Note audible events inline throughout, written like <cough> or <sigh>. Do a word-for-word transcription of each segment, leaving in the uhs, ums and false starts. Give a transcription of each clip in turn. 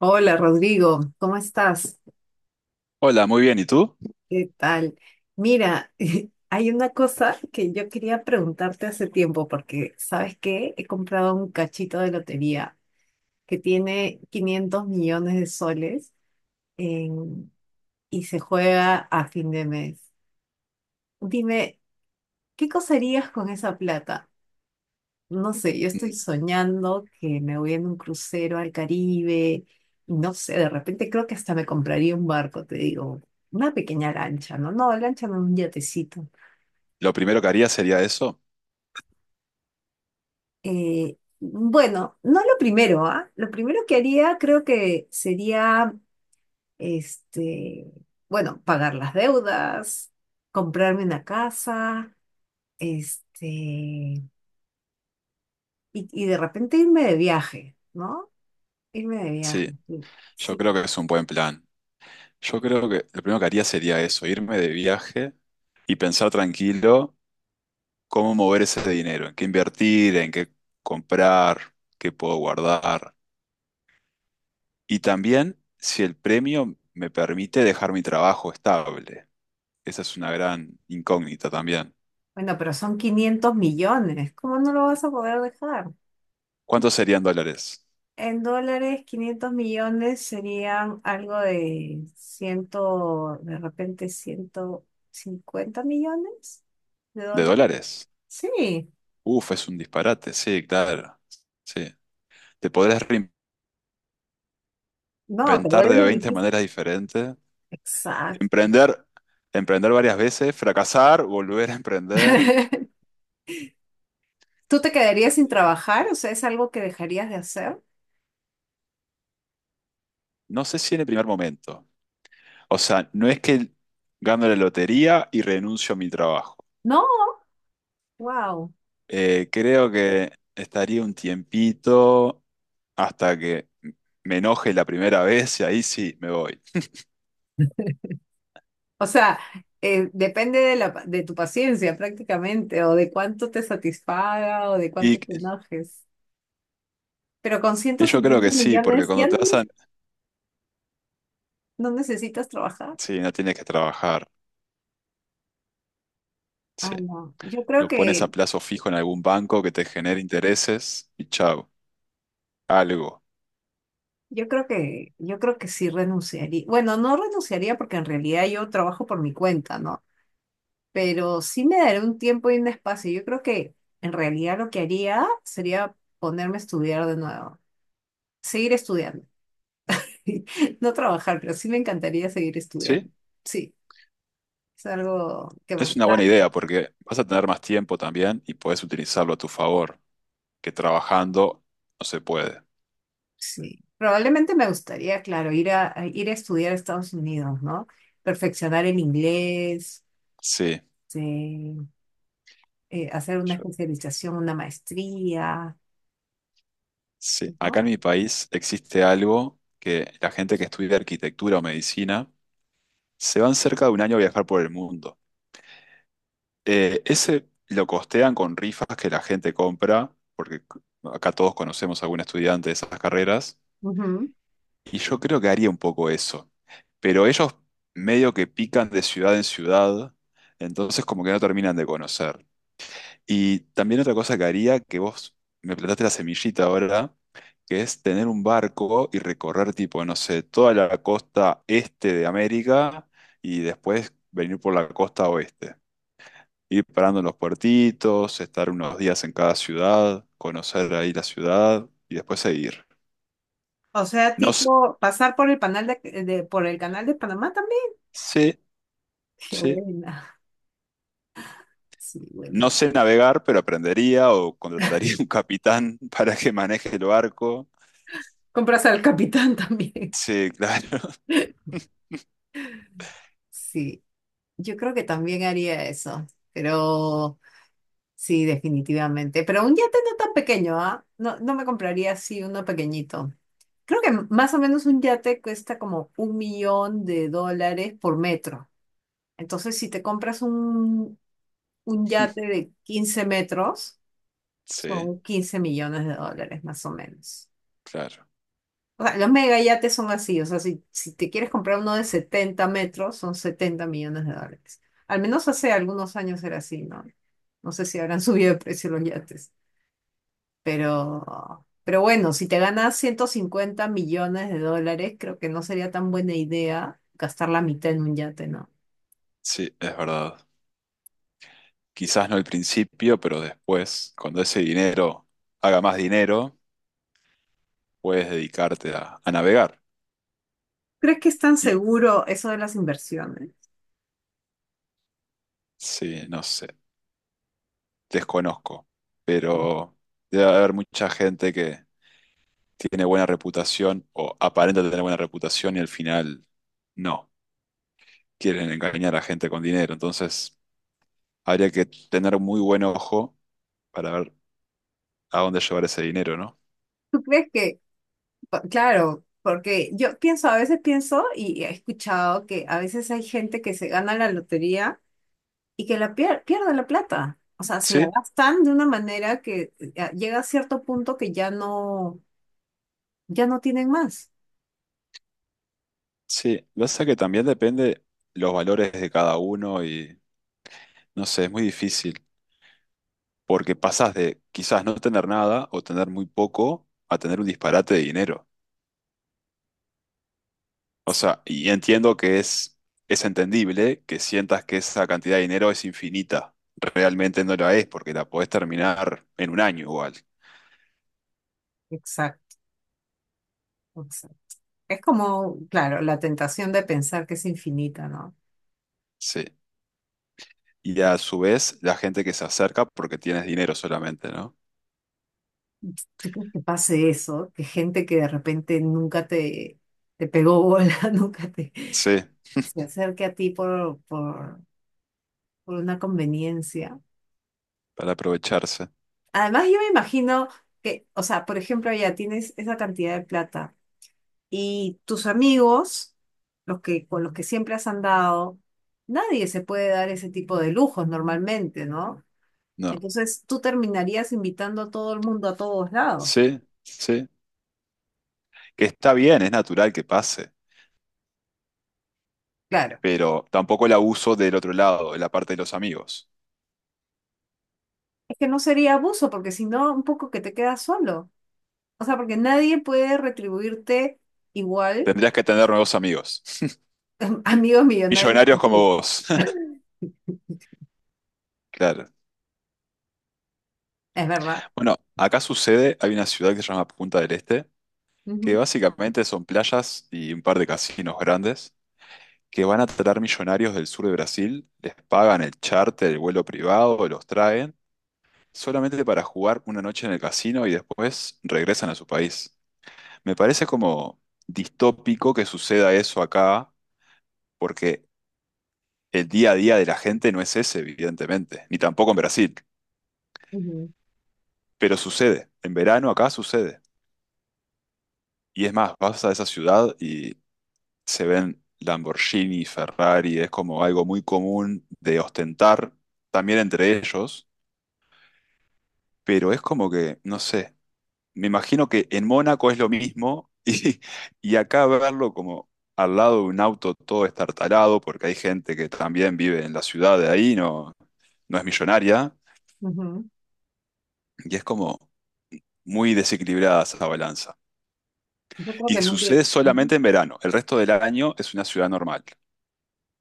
Hola Rodrigo, ¿cómo estás? Hola, muy bien. ¿Y tú? ¿Qué tal? Mira, <laughs> hay una cosa que yo quería preguntarte hace tiempo porque, ¿sabes qué? He comprado un cachito de lotería que tiene quinientos millones de soles en- y se juega a fin de mes. Dime, ¿qué cosa harías con esa plata? No sé, yo estoy Mm. soñando que me voy en un crucero al Caribe. No sé, de repente creo que hasta me compraría un barco, te digo, una pequeña lancha, ¿no? No, lancha no, un yatecito. Lo primero que haría sería eso. Eh, bueno, no lo primero, ¿ah? Lo primero que haría creo que sería, este, bueno, pagar las deudas, comprarme una casa, este, y, y de repente irme de viaje, ¿no? Irme de Sí, viaje. Sí, yo sí. creo que es un buen plan. Yo creo que lo primero que haría sería eso, irme de viaje y pensar tranquilo cómo mover ese dinero, en qué invertir, en qué comprar, qué puedo guardar. Y también si el premio me permite dejar mi trabajo estable. Esa es una gran incógnita también. Bueno, pero son quinientos millones. ¿Cómo no lo vas a poder dejar? ¿Cuántos serían dólares? En dólares, quinientos millones serían algo de ciento, de repente ciento cincuenta millones de ¿De dólares. dólares? Sí, Uf, es un disparate. Sí, claro. Sí. Te podrás no, te ventar de vuelves veinte riquísimo. maneras diferentes. Exacto. Emprender, emprender varias veces, fracasar, volver a emprender. <laughs> ¿Tú te quedarías sin trabajar? O sea, ¿es algo que dejarías de hacer? No sé si en el primer momento. O sea, no es que gano la lotería y renuncio a mi trabajo. No, wow. Eh, creo que estaría un tiempito hasta que me enoje la primera vez y ahí sí me voy. O sea, eh, depende de la, pa- de tu paciencia prácticamente, o de cuánto te satisfaga, o de Y, cuánto te enojes. Pero con ciento y yo creo que cincuenta sí, porque millones cuando ya te no, vas ne- a... no necesitas trabajar. Sí, no tienes que trabajar. Ay, Sí. no. Yo creo Lo pones a que, plazo fijo en algún banco que te genere intereses y chao, algo. yo creo que, yo creo que sí renunciaría. Bueno, no renunciaría porque en realidad yo trabajo por mi cuenta, ¿no? Pero sí me daré un tiempo y un espacio. Yo creo que en realidad lo que haría sería ponerme a estudiar de nuevo, seguir estudiando. <laughs> No trabajar, pero sí me encantaría seguir ¿Sí? estudiando. Sí, es algo que me Es una buena encanta. idea porque vas a tener más tiempo también y puedes utilizarlo a tu favor, que trabajando no se puede. Sí, probablemente me gustaría, claro, ir a, a ir a estudiar a Estados Unidos, ¿no? Perfeccionar el inglés, Sí, este, eh, hacer una yo- especialización, una maestría, sí. Acá ¿no? en mi país existe algo que la gente que estudia arquitectura o medicina se van cerca de un año a viajar por el mundo. Eh, ese lo costean con rifas que la gente compra, porque acá todos conocemos a algún estudiante de esas carreras. Ujú. Y yo creo que haría un poco eso. Pero ellos medio que pican de ciudad en ciudad, entonces como que no terminan de conocer. Y también otra cosa que haría, que vos me plantaste la semillita ahora, que es tener un barco y recorrer tipo, no sé, toda la costa este de América y después venir por la costa oeste. Ir parando en los puertitos, estar unos días en cada ciudad, conocer ahí la ciudad y después seguir. O sea, No sé, tipo, pasar por el canal de, de- por el canal de Panamá también. sí, <laughs> Qué sí. buena. Sí, No bueno. sé navegar, pero aprendería o contrataría un capitán <laughs> para que maneje el barco. Compras al capitán <laughs> también. Sí, claro. <laughs> Sí, yo creo que también haría eso, pero sí, definitivamente. Pero un yate no tan pequeño, ¿ah? No, no me compraría así uno pequeñito. Creo que más o menos un yate cuesta como un millón de dólares por metro. Entonces, si te compras un, un yate de quince metros, Sí, son quince millones de dólares más o menos. claro. O sea, los mega yates son así. O sea, si, si te quieres comprar uno de setenta metros, son setenta millones de dólares. Al menos hace algunos años era así, ¿no? No sé si habrán <laughs> subido de precio los yates. Pero, pero bueno, si te ganas ciento cincuenta millones de dólares, creo que no sería tan buena idea gastar la mitad en un yate, ¿no? Sí, es verdad. Quizás no al principio, pero después, cuando ese dinero haga más dinero, puedes dedicarte a, a navegar. ¿Crees que es tan Y seguro eso de las inversiones? sí, no sé, desconozco, ¿O pero debe haber mucha gente que tiene buena reputación o aparenta tener buena reputación y al final no, quieren engañar a gente con dinero. Entonces... habría que tener muy buen ojo para ver a dónde llevar ese dinero, ¿no? ¿tú crees que, pa- claro, porque yo pienso, a veces pienso y he escuchado que a veces hay gente que se gana la lotería y que la pier- pierde la plata. O sea, se la Sí, gastan de una manera que eh, llega a cierto punto que ya no, ya no tienen más. sí. Lo que pasa es que también depende los valores de cada uno y no sé, es muy difícil porque pasás de quizás no tener nada o tener muy poco a tener un disparate de dinero. O sea, y entiendo que es, es entendible que sientas que esa cantidad de dinero es infinita. Realmente no la es porque la podés terminar en un año igual. Exacto, exacto. Es como, claro, la tentación de pensar que es infinita, ¿no? Sí. Y a su vez, la gente que se acerca porque tienes dinero solamente, ¿no? ¿Tú crees que pase eso? Que gente que de repente nunca te, te pegó bola, <laughs> nunca te Sí, se acerque a ti por, por, por una conveniencia. para aprovecharse. Además, yo me imagino que, o sea, por ejemplo, ya tienes esa cantidad de plata y tus amigos, los que, con los que siempre has andado, nadie se puede dar ese tipo de lujos normalmente, ¿no? No. Entonces, tú terminarías invitando a todo el mundo a todos lados. Sí, sí. Que está bien, es natural que pase, Claro, pero tampoco el abuso del otro lado, de la parte de los amigos. es que no sería abuso, porque si no, un poco que te quedas solo. O sea, porque nadie puede retribuirte igual, Tendrías que tener nuevos amigos. <laughs> <laughs> amigos millonarios Millonarios como como tú. vos. <laughs> <laughs> Claro. Es verdad. Bueno, acá sucede, hay una ciudad que se llama Punta del Este, que Ujú, básicamente son playas y un par de casinos grandes que van a traer millonarios del sur de Brasil, les pagan el charter, el vuelo privado, los traen, solamente para jugar una noche en el casino y después regresan a su país. Me parece como distópico que suceda eso acá, porque el día a día de la gente no es ese, evidentemente, ni tampoco en Brasil, pero sucede. En verano acá sucede. Y es más, vas a esa ciudad y se ven Lamborghini, Ferrari, es como algo muy común de ostentar también entre ellos, pero es como que, no sé, me imagino que en Mónaco es lo mismo <laughs> y, y acá verlo como al lado de un auto todo estartalado, porque hay gente que también vive en la ciudad de ahí, no, no es millonaria, ujú, ujú. y es como muy desequilibrada esa balanza. Yo creo Y que nunca... sucede Ujú. solamente en verano, el resto del año es una ciudad normal,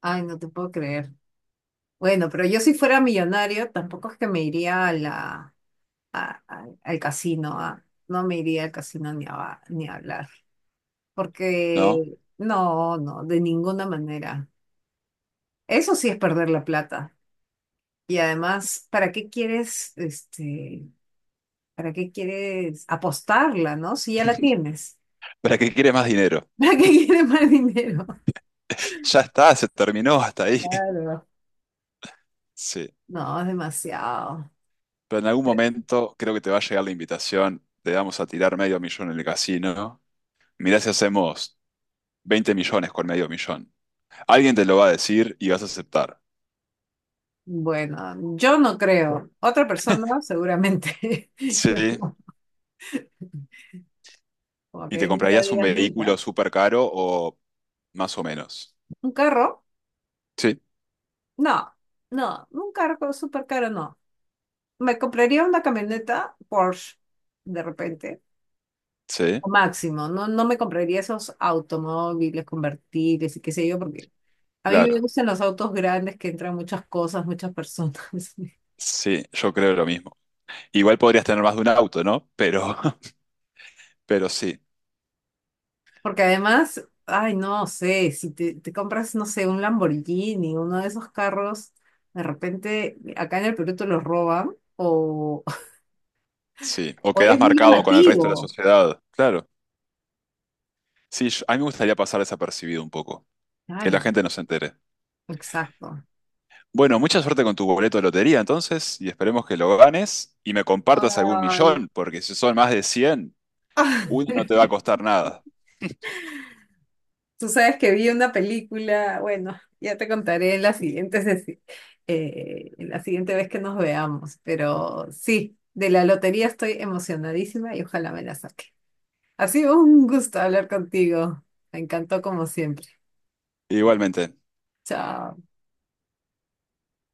Ay, no te puedo creer. Bueno, pero yo si fuera millonario, tampoco es que me iría a la, a- a- al casino. A- no me iría al casino ni a, ba- ni a hablar. ¿no? Porque no, no, de ninguna manera. Eso sí es perder la plata. Y además, ¿para qué quieres, este, para qué quieres apostarla, ¿no? Si ya la tienes. ¿Para qué quiere más dinero? <laughs> ¿Para qué quieres más dinero? Ya está, se terminó hasta ahí. <laughs> Claro. Sí, No, es demasiado. pero en algún momento creo que te va a llegar la invitación, te vamos a tirar medio millón en el casino, mirá si hacemos veinte millones con medio millón. Alguien te lo va a decir y vas a aceptar. Bueno, yo no creo. Otra persona, seguramente. <laughs> Yo Sí. no. Como ¿Y te que nunca comprarías un digas nunca. vehículo súper caro o más o menos? ¿Un carro? Sí, No, no, un carro súper caro no. Me compraría una camioneta Porsche de repente sí, máximo. No, no me compraría esos automóviles convertibles y qué sé yo, porque a mí me claro. gustan los autos grandes que entran muchas cosas, muchas personas. <laughs> Sí, yo creo lo mismo. Igual podrías tener más de un auto, ¿no? Pero, <laughs> pero sí, Porque además, ay, no sé, si te, te compras, no sé, un Lamborghini, uno de esos carros, de repente acá en el Perú te los roban o, <laughs> sí. O o quedas eres muy marcado con el resto de la llamativo. sociedad. Claro. Sí, yo- a mí me gustaría pasar desapercibido un poco. Que la Claro, gente no se entere. exacto. Bueno, mucha suerte con tu boleto de lotería entonces y esperemos que lo ganes y me compartas algún Ay. millón, porque si son más de cien, uno no te va a <laughs> costar nada. Tú sabes que vi una película, bueno, ya te contaré en la siguiente, sesi- eh, en la siguiente vez que nos veamos, pero sí, de la lotería estoy emocionadísima y ojalá me la saque. Ha sido un gusto hablar contigo. Me encantó como siempre. Igualmente. Chao.